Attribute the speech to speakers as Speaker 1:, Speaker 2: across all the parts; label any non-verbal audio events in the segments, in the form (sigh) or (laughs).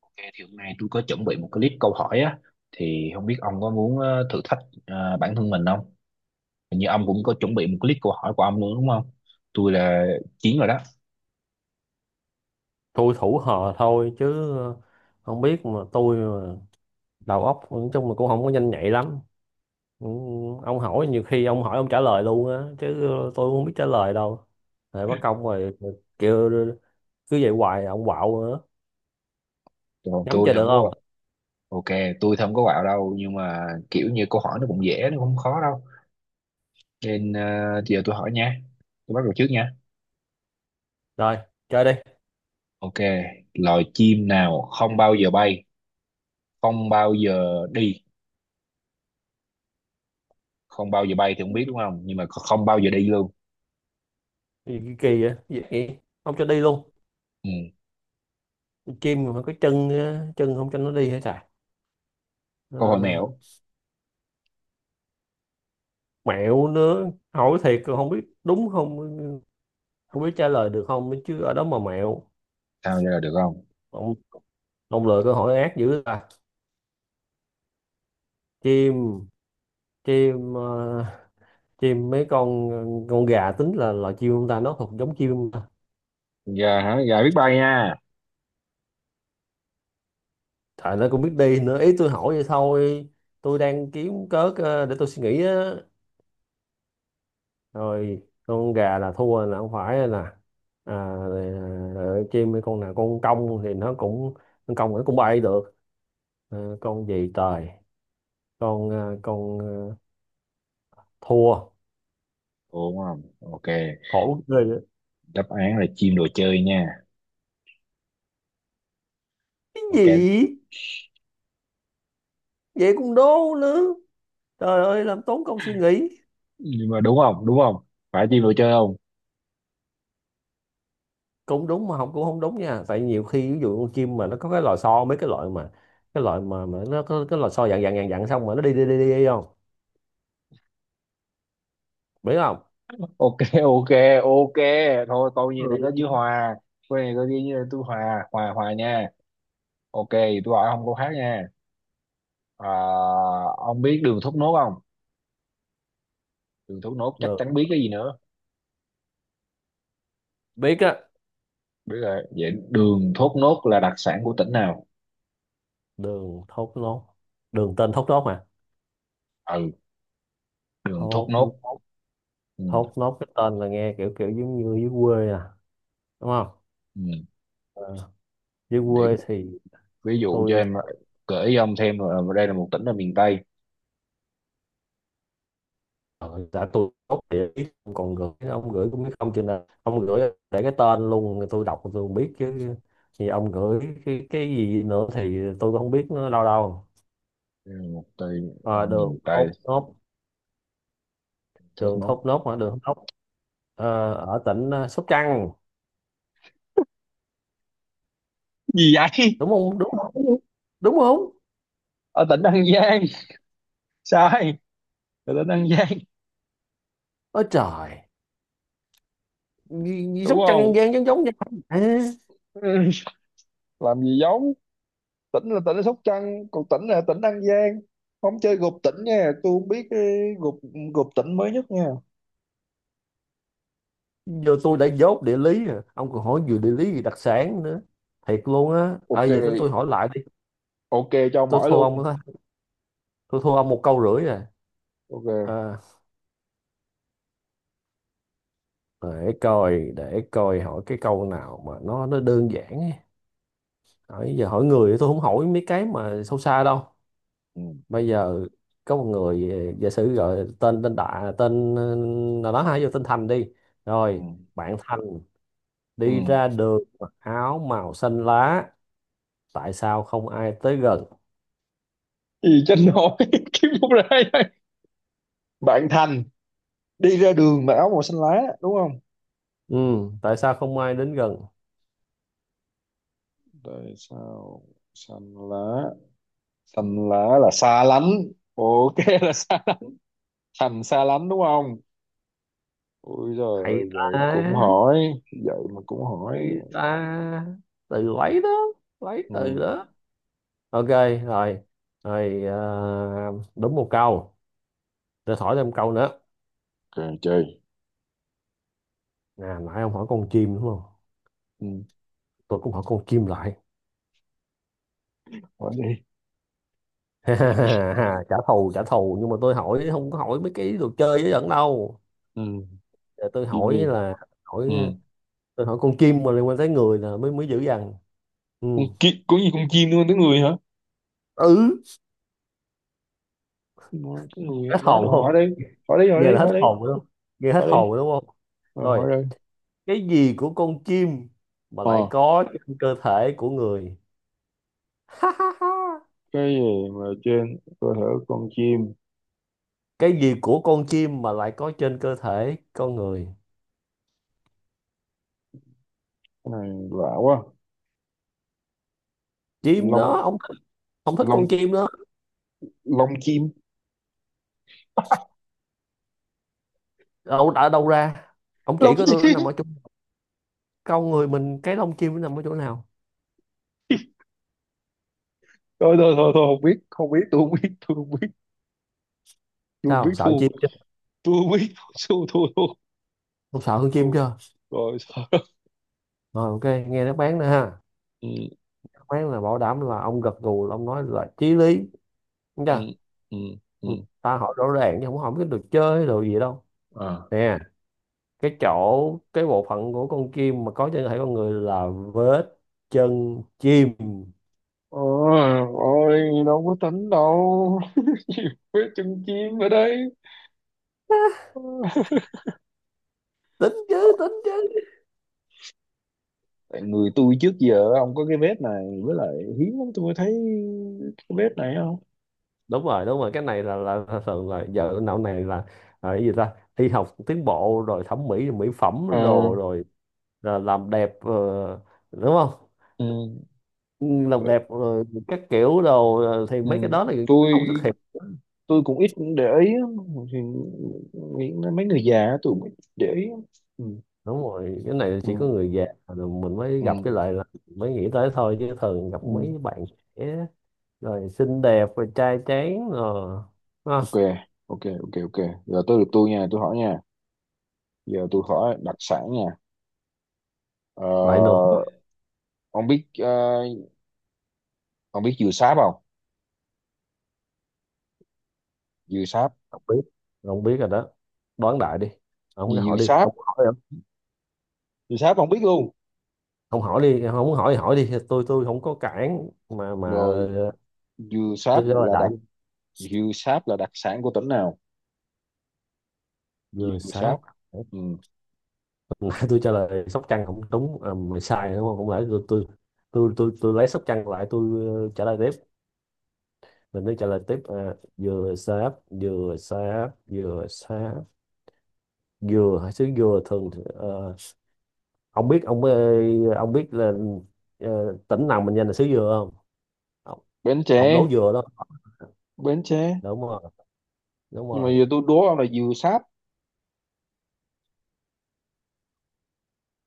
Speaker 1: Ok, thì hôm nay tôi có chuẩn bị một cái list câu hỏi á, thì không biết ông có muốn thử thách bản thân mình không? Hình như ông cũng có chuẩn bị một cái list câu hỏi của ông luôn, đúng không? Tôi là Chiến rồi đó,
Speaker 2: Tôi thủ họ thôi chứ không biết mà tôi mà đầu óc nói chung là cũng không có nhanh nhạy lắm. Ừ, ông hỏi nhiều khi ông hỏi ông trả lời luôn á chứ tôi cũng không biết trả lời đâu. Rồi mất công rồi kêu cứ vậy hoài ông quạo nữa.
Speaker 1: còn
Speaker 2: Nhắm
Speaker 1: tôi
Speaker 2: chơi
Speaker 1: thì
Speaker 2: được
Speaker 1: không
Speaker 2: không?
Speaker 1: có. Ok, tôi thì không có quạo đâu, nhưng mà kiểu như câu hỏi nó cũng dễ, nó cũng không khó đâu. Nên giờ tôi hỏi nha. Tôi bắt đầu trước nha.
Speaker 2: Rồi chơi đi.
Speaker 1: Ok, loài chim nào không bao giờ bay, không bao giờ đi, không bao giờ bay thì không biết đúng không? Nhưng mà không bao giờ đi luôn.
Speaker 2: Gì kỳ kỳ vậy? Gì vậy, không cho đi luôn?
Speaker 1: Ừ.
Speaker 2: Chim mà cái chân á, chân không cho nó đi hết trời.
Speaker 1: Câu hỏi
Speaker 2: Ờ,
Speaker 1: mẹo,
Speaker 2: Mẹo nữa, hỏi thiệt không biết đúng không, không biết trả lời được không chứ ở đó mà mẹo.
Speaker 1: sao trả lời được không?
Speaker 2: Ông lựa câu hỏi ác dữ à. Chim chim ờ, chim mấy con gà tính là loài chim không ta, nó thuộc giống chim không ta?
Speaker 1: Gà hả? Gà biết bay nha.
Speaker 2: Trời, nó cũng biết đi nữa, ý tôi hỏi vậy thôi. Tôi đang kiếm cớ để tôi suy nghĩ á. Rồi con gà là thua, là không phải nè. À, rồi, chim mấy con nào con cong thì nó cũng, con cong nó cũng bay được. Con gì trời, con ờ, con ờ, thua.
Speaker 1: Ủa, đúng không? Ok,
Speaker 2: Khổ ghê vậy.
Speaker 1: đáp án là chim đồ chơi nha.
Speaker 2: Cái
Speaker 1: Ok,
Speaker 2: gì? Vậy cũng đố nữa. Trời ơi làm tốn công suy nghĩ.
Speaker 1: nhưng mà đúng không, đúng không? Phải chim đồ chơi không?
Speaker 2: Cũng đúng mà học cũng không đúng nha, tại nhiều khi ví dụ con chim mà nó có cái lò xo, mấy cái loại mà mà nó có cái lò xo dặn dặn dặn dặn, xong mà nó đi đi đi đi, đi không biết không.
Speaker 1: Ok (laughs) ok. Ok, thôi câu như
Speaker 2: Ừ.
Speaker 1: này có chữ hòa. Câu này có chữ như tôi, hòa hòa hòa nha. Ok, tôi hỏi ông câu khác nha. À, ông biết đường thốt nốt không? Đường thốt nốt chắc
Speaker 2: Đường,
Speaker 1: chắn biết, cái gì nữa?
Speaker 2: biết á.
Speaker 1: Biết rồi, vậy đường thốt nốt là đặc sản của tỉnh nào?
Speaker 2: Đường thốt nốt. Đường tên thốt nốt mà.
Speaker 1: Ừ, đường thốt
Speaker 2: Thốt.
Speaker 1: nốt.
Speaker 2: Nốt.
Speaker 1: Ừ,
Speaker 2: Thốt nốt cái tên là nghe kiểu kiểu giống như dưới quê à, đúng không?
Speaker 1: ừ.
Speaker 2: Ờ, Dưới
Speaker 1: Để
Speaker 2: quê thì
Speaker 1: ví dụ cho
Speaker 2: tôi,
Speaker 1: em gửi ông thêm là đây là một tỉnh ở miền Tây.
Speaker 2: Ờ, đã tôi tốt địa ý. Còn gửi ông gửi cũng biết không, chừng nào ông gửi để cái tên luôn tôi đọc tôi không biết chứ. Thì ông gửi cái gì nữa thì tôi không biết nữa đâu đâu.
Speaker 1: Đây là một tỉnh
Speaker 2: Ờ,
Speaker 1: ở
Speaker 2: Đường
Speaker 1: miền Tây.
Speaker 2: thốt nốt.
Speaker 1: Thốt
Speaker 2: Đường
Speaker 1: nốt.
Speaker 2: thốt nốt hả? Đường thốt nốt ở tỉnh Sóc Trăng,
Speaker 1: Gì vậy?
Speaker 2: đúng không, đúng không, đúng không?
Speaker 1: Ở tỉnh An Giang. Sai, ở tỉnh An Giang.
Speaker 2: Ôi trời, gì Sóc
Speaker 1: Đúng
Speaker 2: Trăng An
Speaker 1: không?
Speaker 2: Giang giống giống nhau? À,
Speaker 1: Ừ, làm gì giống. Tỉnh là tỉnh ở Sóc Trăng, còn tỉnh là tỉnh An Giang. Không chơi gộp tỉnh nha, tôi không biết cái gộp. Gộp tỉnh mới nhất nha.
Speaker 2: giờ tôi đã dốt địa lý rồi ông còn hỏi vừa địa lý gì đặc sản nữa, thiệt luôn á. À,
Speaker 1: Ok,
Speaker 2: giờ tới tôi hỏi lại đi.
Speaker 1: ok, cho
Speaker 2: Tôi
Speaker 1: mỏi
Speaker 2: thua
Speaker 1: luôn.
Speaker 2: ông đó, tôi thua ông một câu rưỡi rồi.
Speaker 1: Ok.
Speaker 2: À, để coi hỏi cái câu nào mà nó đơn giản ấy. Hỏi giờ, hỏi người thì tôi không hỏi mấy cái mà sâu xa đâu.
Speaker 1: Ừ.
Speaker 2: Bây giờ có một người, giả sử gọi tên, đại tên nào đó, hay vô tên Thành đi.
Speaker 1: Ừ.
Speaker 2: Rồi bạn Thành
Speaker 1: Ừ.
Speaker 2: đi ra đường mặc áo màu xanh lá, tại sao không ai tới gần?
Speaker 1: Gì cho nổi? (laughs) Kiếm một ra đây. Bạn Thành đi ra đường mặc áo màu xanh lá, đúng không?
Speaker 2: Ừ, tại sao không ai đến gần?
Speaker 1: Đây sao? Xanh lá, xanh lá là xa lánh. Ok (laughs) là xa lánh. Thành xa lánh, đúng không? Ui
Speaker 2: Thầy
Speaker 1: giời, vậy cũng
Speaker 2: ta,
Speaker 1: hỏi, vậy mà cũng hỏi.
Speaker 2: thầy ta, từ lấy đó lấy
Speaker 1: Ừ.
Speaker 2: từ đó. Ok, rồi rồi, đúng một câu. Tôi hỏi thêm câu nữa.
Speaker 1: Ok, chơi.
Speaker 2: Nè, nãy ông hỏi con chim đúng không?
Speaker 1: Ừ.
Speaker 2: Tôi cũng hỏi con chim lại.
Speaker 1: Hỏi đi.
Speaker 2: (laughs) Trả thù trả thù, nhưng mà tôi hỏi không có hỏi mấy cái đồ chơi với dẫn đâu.
Speaker 1: Ừ.
Speaker 2: Giờ tôi
Speaker 1: Chim
Speaker 2: hỏi
Speaker 1: đi.
Speaker 2: là, hỏi
Speaker 1: Ừ.
Speaker 2: tôi hỏi con chim mà liên quan tới người là mới mới dữ dằn. Ừ,
Speaker 1: Con chim có gì? Con chim luôn tới người hả?
Speaker 2: ừ.
Speaker 1: Nói tới người á.
Speaker 2: Hết
Speaker 1: Nói đồ,
Speaker 2: hồn không?
Speaker 1: hỏi đi. Hỏi đi, hỏi
Speaker 2: Nghe
Speaker 1: đi,
Speaker 2: là hết
Speaker 1: hỏi đi.
Speaker 2: hồn đúng không, nghe hết
Speaker 1: Hỏi đi,
Speaker 2: hồn đúng không?
Speaker 1: rồi
Speaker 2: Rồi,
Speaker 1: hỏi đi.
Speaker 2: cái gì của con chim mà lại
Speaker 1: Ờ,
Speaker 2: có trên cơ thể của người? (laughs)
Speaker 1: cái gì mà trên cơ thể con chim?
Speaker 2: Cái gì của con chim mà lại có trên cơ thể con người?
Speaker 1: Cái này lạ quá.
Speaker 2: Chim
Speaker 1: Lông.
Speaker 2: đó ông, không thích
Speaker 1: Lông.
Speaker 2: con chim đó.
Speaker 1: Lông chim.
Speaker 2: Đâu đã đâu ra. Ông chỉ
Speaker 1: Lông
Speaker 2: có tôi, nó
Speaker 1: chim.
Speaker 2: nằm ở chỗ con người mình, cái lông chim nó nằm ở chỗ nào?
Speaker 1: Thôi thôi thôi thôi, không biết, không biết, tôi không biết, tôi không
Speaker 2: Sao,
Speaker 1: biết,
Speaker 2: sợ
Speaker 1: thua.
Speaker 2: chim chưa?
Speaker 1: Tôi không biết, thua thua thua.
Speaker 2: Không, sợ hơn chim
Speaker 1: Thua
Speaker 2: chưa?
Speaker 1: rồi sao?
Speaker 2: Rồi ok, nghe đáp án nữa ha.
Speaker 1: (laughs) Ừ.
Speaker 2: Đáp án là bảo đảm là ông gật gù, là ông nói là chí lý, đúng
Speaker 1: Ừ.
Speaker 2: chưa?
Speaker 1: Ừ. Ừ.
Speaker 2: Ừ, ta hỏi rõ ràng chứ không hỏi cái đồ chơi đồ gì đâu.
Speaker 1: À.
Speaker 2: Nè, cái chỗ, cái bộ phận của con chim mà có trên cơ thể con người là vết chân chim.
Speaker 1: Ôi. Ôi, đâu có tính đâu (laughs) nhiều vết chân chim ở đây.
Speaker 2: (laughs) Tính chứ, tính chứ.
Speaker 1: Tại người tôi trước giờ ông có cái vết này với lại hiếm lắm tôi mới thấy cái vết này không.
Speaker 2: Đúng rồi, đúng rồi, cái này là thường, là giờ não này là cái gì ta, y học tiến bộ rồi, thẩm mỹ mỹ phẩm
Speaker 1: Ờ.
Speaker 2: rồi rồi, là làm đẹp đúng không?
Speaker 1: Ừ.
Speaker 2: Ừ, làm đẹp rồi các kiểu đồ thì
Speaker 1: Ừ.
Speaker 2: mấy cái đó là
Speaker 1: tôi
Speaker 2: không xuất hiện.
Speaker 1: tôi cũng ít để ý á. Thì nghĩ mấy người già á, tôi cũng ít để ý á. Ừ,
Speaker 2: Đúng rồi, cái này chỉ có
Speaker 1: ừ,
Speaker 2: người già rồi mình mới
Speaker 1: ừ,
Speaker 2: gặp cái lại, là mới nghĩ tới thôi, chứ thường gặp
Speaker 1: ừ.
Speaker 2: mấy bạn trẻ rồi xinh đẹp rồi trai tráng rồi ha.
Speaker 1: Ok, ok, ok, ok. Giờ tôi được tôi nha, tôi hỏi nha. Giờ tôi hỏi đặc sản nha. ờ,
Speaker 2: Lại được.
Speaker 1: ông biết ông biết dừa sáp không? Dừa sáp.
Speaker 2: Không biết, không biết rồi đó. Đoán đại đi, ông cứ
Speaker 1: Gì, dừa
Speaker 2: hỏi đi,
Speaker 1: sáp?
Speaker 2: ông hỏi
Speaker 1: Dừa sáp ông biết luôn.
Speaker 2: không, hỏi đi, không muốn hỏi thì hỏi đi, tôi không có cản mà.
Speaker 1: Rồi, dừa
Speaker 2: Tôi trả
Speaker 1: sáp
Speaker 2: lời
Speaker 1: là
Speaker 2: đại.
Speaker 1: đặc, dừa sáp là đặc sản của tỉnh nào?
Speaker 2: Vừa
Speaker 1: Dừa sáp.
Speaker 2: sáp. (laughs)
Speaker 1: Ừ.
Speaker 2: Hồi nãy tôi trả lời Sóc Trăng không đúng à, mày sai đúng không, không lẽ tôi lấy Sóc Trăng lại, tôi trả lời tiếp. Mình tôi trả lời tiếp à, vừa sáp, vừa sáp, vừa sáp. Dừa hay xứ dừa thường thì, ông biết ông, ông biết là tỉnh nào mình danh là xứ dừa không, ông,
Speaker 1: Bến
Speaker 2: ông,
Speaker 1: Tre.
Speaker 2: đổ dừa đó.
Speaker 1: Bến Tre.
Speaker 2: Đúng rồi, đúng
Speaker 1: Nhưng mà
Speaker 2: rồi.
Speaker 1: giờ tôi đố ông là dừa sáp,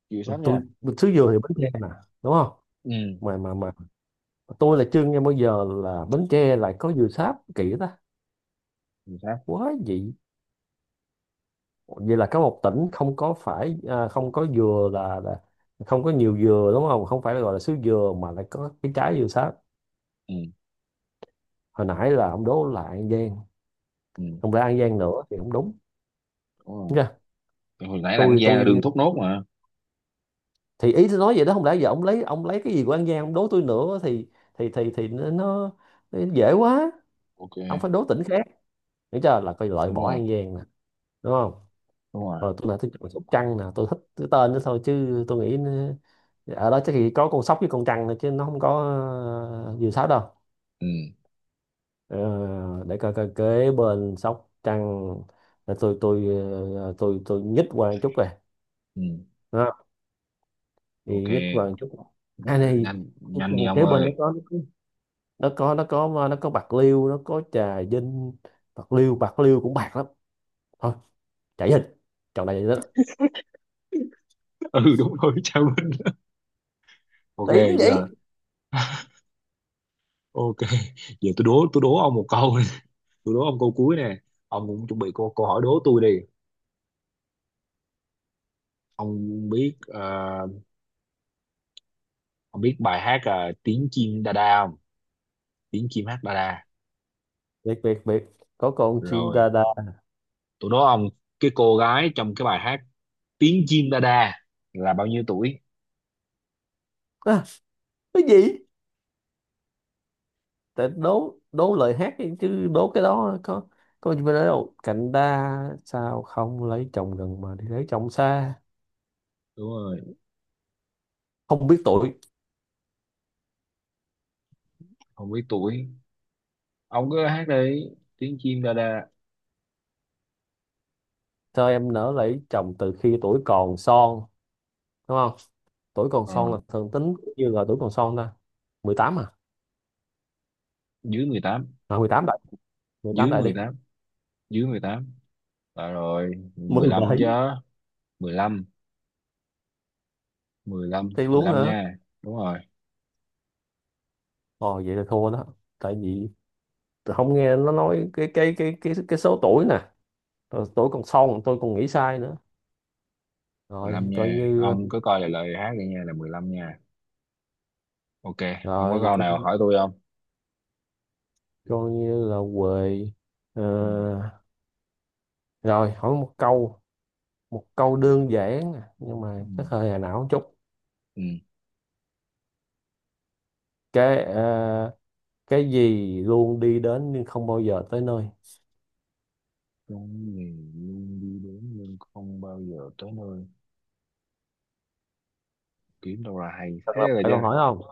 Speaker 1: dừa sáp
Speaker 2: Tôi,
Speaker 1: nha.
Speaker 2: xứ dừa thì Bến Tre nè, đúng không?
Speaker 1: Ừ.
Speaker 2: Mà tôi là chưa nghe bao giờ là Bến Tre lại có dừa sáp, kỳ ta,
Speaker 1: Dừa sáp.
Speaker 2: quá dị. Vậy là có một tỉnh không có phải à, không có dừa là không có nhiều dừa đúng không, không phải là gọi là xứ dừa mà lại có cái trái dừa sáp.
Speaker 1: Ừ.
Speaker 2: Hồi nãy là ông đố là An Giang,
Speaker 1: Ừ,
Speaker 2: không lẽ An Giang nữa thì không đúng
Speaker 1: đúng rồi.
Speaker 2: nha.
Speaker 1: Thì hồi nãy là ăn gian là đường
Speaker 2: Tôi
Speaker 1: thốt nốt mà.
Speaker 2: Thì ý tôi nói vậy đó, không lẽ giờ ông lấy, cái gì của An Giang ông đố tôi nữa thì, thì nó dễ quá.
Speaker 1: Ok.
Speaker 2: Ông phải đố tỉnh khác, hiểu chưa, là coi loại
Speaker 1: Đúng
Speaker 2: bỏ
Speaker 1: rồi,
Speaker 2: An Giang nè, đúng không?
Speaker 1: đúng rồi.
Speaker 2: Rồi tôi lại thích con sóc trăng nè, tôi thích cái tên đó thôi chứ tôi nghĩ nó, ở đó chắc chỉ có con sóc với con trăng thôi chứ nó không có ờ, diều sáo đâu.
Speaker 1: Ừ.
Speaker 2: Ờ, để coi, coi kế bên sóc trăng là tôi ờ, tôi nhích qua một chút về
Speaker 1: Ừ.
Speaker 2: đó, thì
Speaker 1: Ok,
Speaker 2: nhích qua một chút. À này,
Speaker 1: nhanh nhanh đi ông
Speaker 2: kế bên
Speaker 1: ơi.
Speaker 2: nó có bạc liêu, nó có trà vinh. Bạc liêu, bạc liêu cũng bạc lắm thôi, chạy hình, chọn đại vậy đó,
Speaker 1: (laughs) Ừ, đúng rồi (laughs) chào Vinh. Ok,
Speaker 2: tỷ cũng vậy.
Speaker 1: giờ. (laughs) Ok, giờ tôi đố, tôi đố ông một câu. (laughs) Tôi đố ông câu cuối nè. Ông cũng chuẩn bị câu câu hỏi đố tôi đi. Ông biết ông biết bài hát tiếng chim đa đa không? Tiếng chim hát đa đa.
Speaker 2: Biệt biệt biệt, có con chim
Speaker 1: Rồi,
Speaker 2: đa đa.
Speaker 1: tôi đố ông, cái cô gái trong cái bài hát tiếng chim đa đa là bao nhiêu tuổi?
Speaker 2: À, cái gì? Tại đố, lời hát đi, chứ đố cái đó có, gì mà nói đâu, cạnh ta sao không lấy chồng gần mà đi lấy chồng xa.
Speaker 1: Đúng rồi.
Speaker 2: Không biết tuổi.
Speaker 1: Không biết tuổi. Ông cứ hát đi tiếng chim đa đa.
Speaker 2: Sao em nỡ lấy chồng từ khi tuổi còn son, đúng không? Tuổi còn son
Speaker 1: ờ,
Speaker 2: là thường tính như là tuổi còn son ta, 18 à
Speaker 1: Dưới mười tám.
Speaker 2: 18 đại, 18
Speaker 1: Dưới
Speaker 2: đại đi.
Speaker 1: mười tám. Dưới mười tám. Ờ rồi rồi, mười
Speaker 2: Mười
Speaker 1: lăm
Speaker 2: bảy
Speaker 1: chứ. Mười lăm. Mười lăm,
Speaker 2: Thì
Speaker 1: mười
Speaker 2: luôn
Speaker 1: lăm
Speaker 2: hả?
Speaker 1: nha. Đúng rồi.
Speaker 2: Ồ, vậy là thua đó. Tại vì tôi không nghe nó nói cái số tuổi nè. Rồi tuổi còn son tôi còn nghĩ sai nữa.
Speaker 1: Mười lăm
Speaker 2: Rồi coi
Speaker 1: nha,
Speaker 2: như,
Speaker 1: ông cứ coi lại lời hát đi nha, là 15 nha. Ok, ông có
Speaker 2: rồi vậy
Speaker 1: câu
Speaker 2: coi,
Speaker 1: nào hỏi tôi không?
Speaker 2: coi như là quê.
Speaker 1: Ừ.
Speaker 2: Ờ, Rồi, hỏi một câu, một câu
Speaker 1: Ừ.
Speaker 2: đơn giản nè, nhưng
Speaker 1: Ừ.
Speaker 2: mà chắc hơi hà não chút.
Speaker 1: Ừ.
Speaker 2: cái ờ, cái gì luôn đi đến nhưng không bao giờ tới nơi?
Speaker 1: Trong nghề, luôn đi đến nhưng không bao giờ tới nơi, kiếm đâu là hay
Speaker 2: Thật
Speaker 1: thế
Speaker 2: là
Speaker 1: rồi
Speaker 2: phải
Speaker 1: chứ?
Speaker 2: câu hỏi không?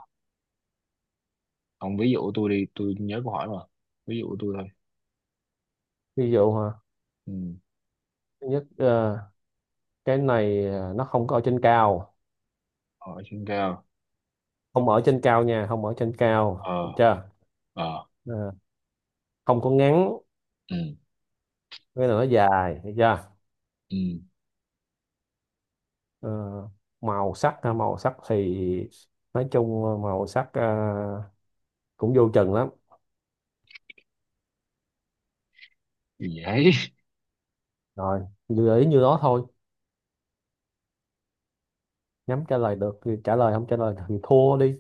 Speaker 1: Ông ví dụ tôi đi, tôi nhớ câu hỏi mà. Ví dụ tôi thôi.
Speaker 2: Ví dụ hả?
Speaker 1: Ừ.
Speaker 2: Thứ nhất cái này nó không có ở trên cao,
Speaker 1: Hỏi trên cao.
Speaker 2: không ở trên cao nha, không ở trên cao được
Speaker 1: Ờ.
Speaker 2: chưa?
Speaker 1: Ờ.
Speaker 2: Ờ, Không có ngắn,
Speaker 1: Ừ.
Speaker 2: cái là nó dài, được chưa?
Speaker 1: Ừ
Speaker 2: Ờ, Màu sắc ha, màu sắc thì nói chung màu sắc cũng vô chừng lắm.
Speaker 1: vậy. (laughs)
Speaker 2: Rồi, gợi ý như đó thôi, nhắm trả lời được thì trả lời, không trả lời thì thua đi.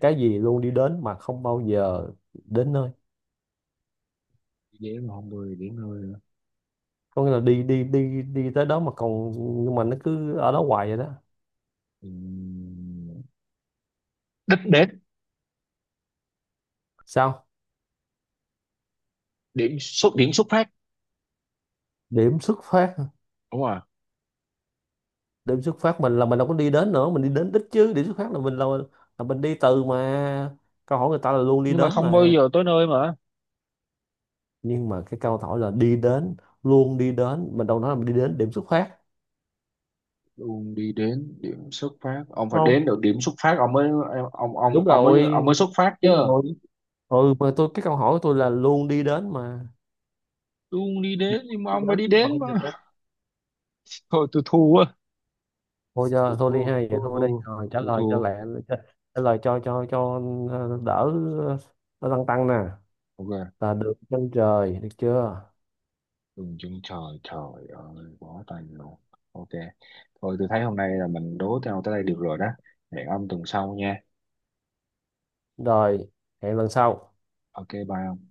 Speaker 2: Cái gì luôn đi đến mà không bao giờ đến nơi?
Speaker 1: Chỉ điểm mà không 10 điểm thôi nữa.
Speaker 2: Có nghĩa là đi đi đi đi tới đó mà còn, nhưng mà nó cứ ở đó hoài vậy đó.
Speaker 1: Ừ. Đích đến.
Speaker 2: Sao?
Speaker 1: Điểm xuất, điểm xuất phát.
Speaker 2: Điểm xuất phát.
Speaker 1: Đúng rồi.
Speaker 2: Điểm xuất phát mình là mình đâu có đi đến nữa, mình đi đến đích chứ. Điểm xuất phát là mình là mình đi từ mà. Câu hỏi người ta là luôn đi
Speaker 1: Nhưng mà
Speaker 2: đến
Speaker 1: không bao
Speaker 2: mà.
Speaker 1: giờ tới nơi mà.
Speaker 2: Nhưng mà cái câu hỏi là đi đến, luôn đi đến, mình đâu nói là mình đi đến điểm xuất phát,
Speaker 1: Luôn đi đến điểm xuất phát,
Speaker 2: đúng
Speaker 1: ông phải
Speaker 2: không?
Speaker 1: đến được điểm xuất phát ông mới, ông ông
Speaker 2: Đúng
Speaker 1: ông mới, ông
Speaker 2: rồi,
Speaker 1: mới xuất phát chứ.
Speaker 2: đúng rồi. Ừ mà tôi, cái câu hỏi của tôi là luôn đi đến mà,
Speaker 1: Luôn đi đến, nhưng mà
Speaker 2: đi
Speaker 1: ông phải đi
Speaker 2: đến mà
Speaker 1: đến
Speaker 2: không
Speaker 1: mà.
Speaker 2: giờ tối.
Speaker 1: Thôi tôi thua á.
Speaker 2: Thôi
Speaker 1: Tôi
Speaker 2: giờ thôi
Speaker 1: thua,
Speaker 2: đi hai vậy,
Speaker 1: thua,
Speaker 2: thôi
Speaker 1: thua.
Speaker 2: đi, rồi trả
Speaker 1: Tôi
Speaker 2: lời cho
Speaker 1: thua.
Speaker 2: lẹ. cho- Trả lời cho, đỡ, ờ, nó tăng tăng nè,
Speaker 1: Ok,
Speaker 2: là được, chân trời, được chưa?
Speaker 1: đừng chân trời, trời ơi, bó tay luôn. Ok, thôi tôi thấy hôm nay là mình đố nhau tới đây được rồi đó. Hẹn ông tuần sau nha.
Speaker 2: Rồi, hẹn lần sau.
Speaker 1: Ok, bye.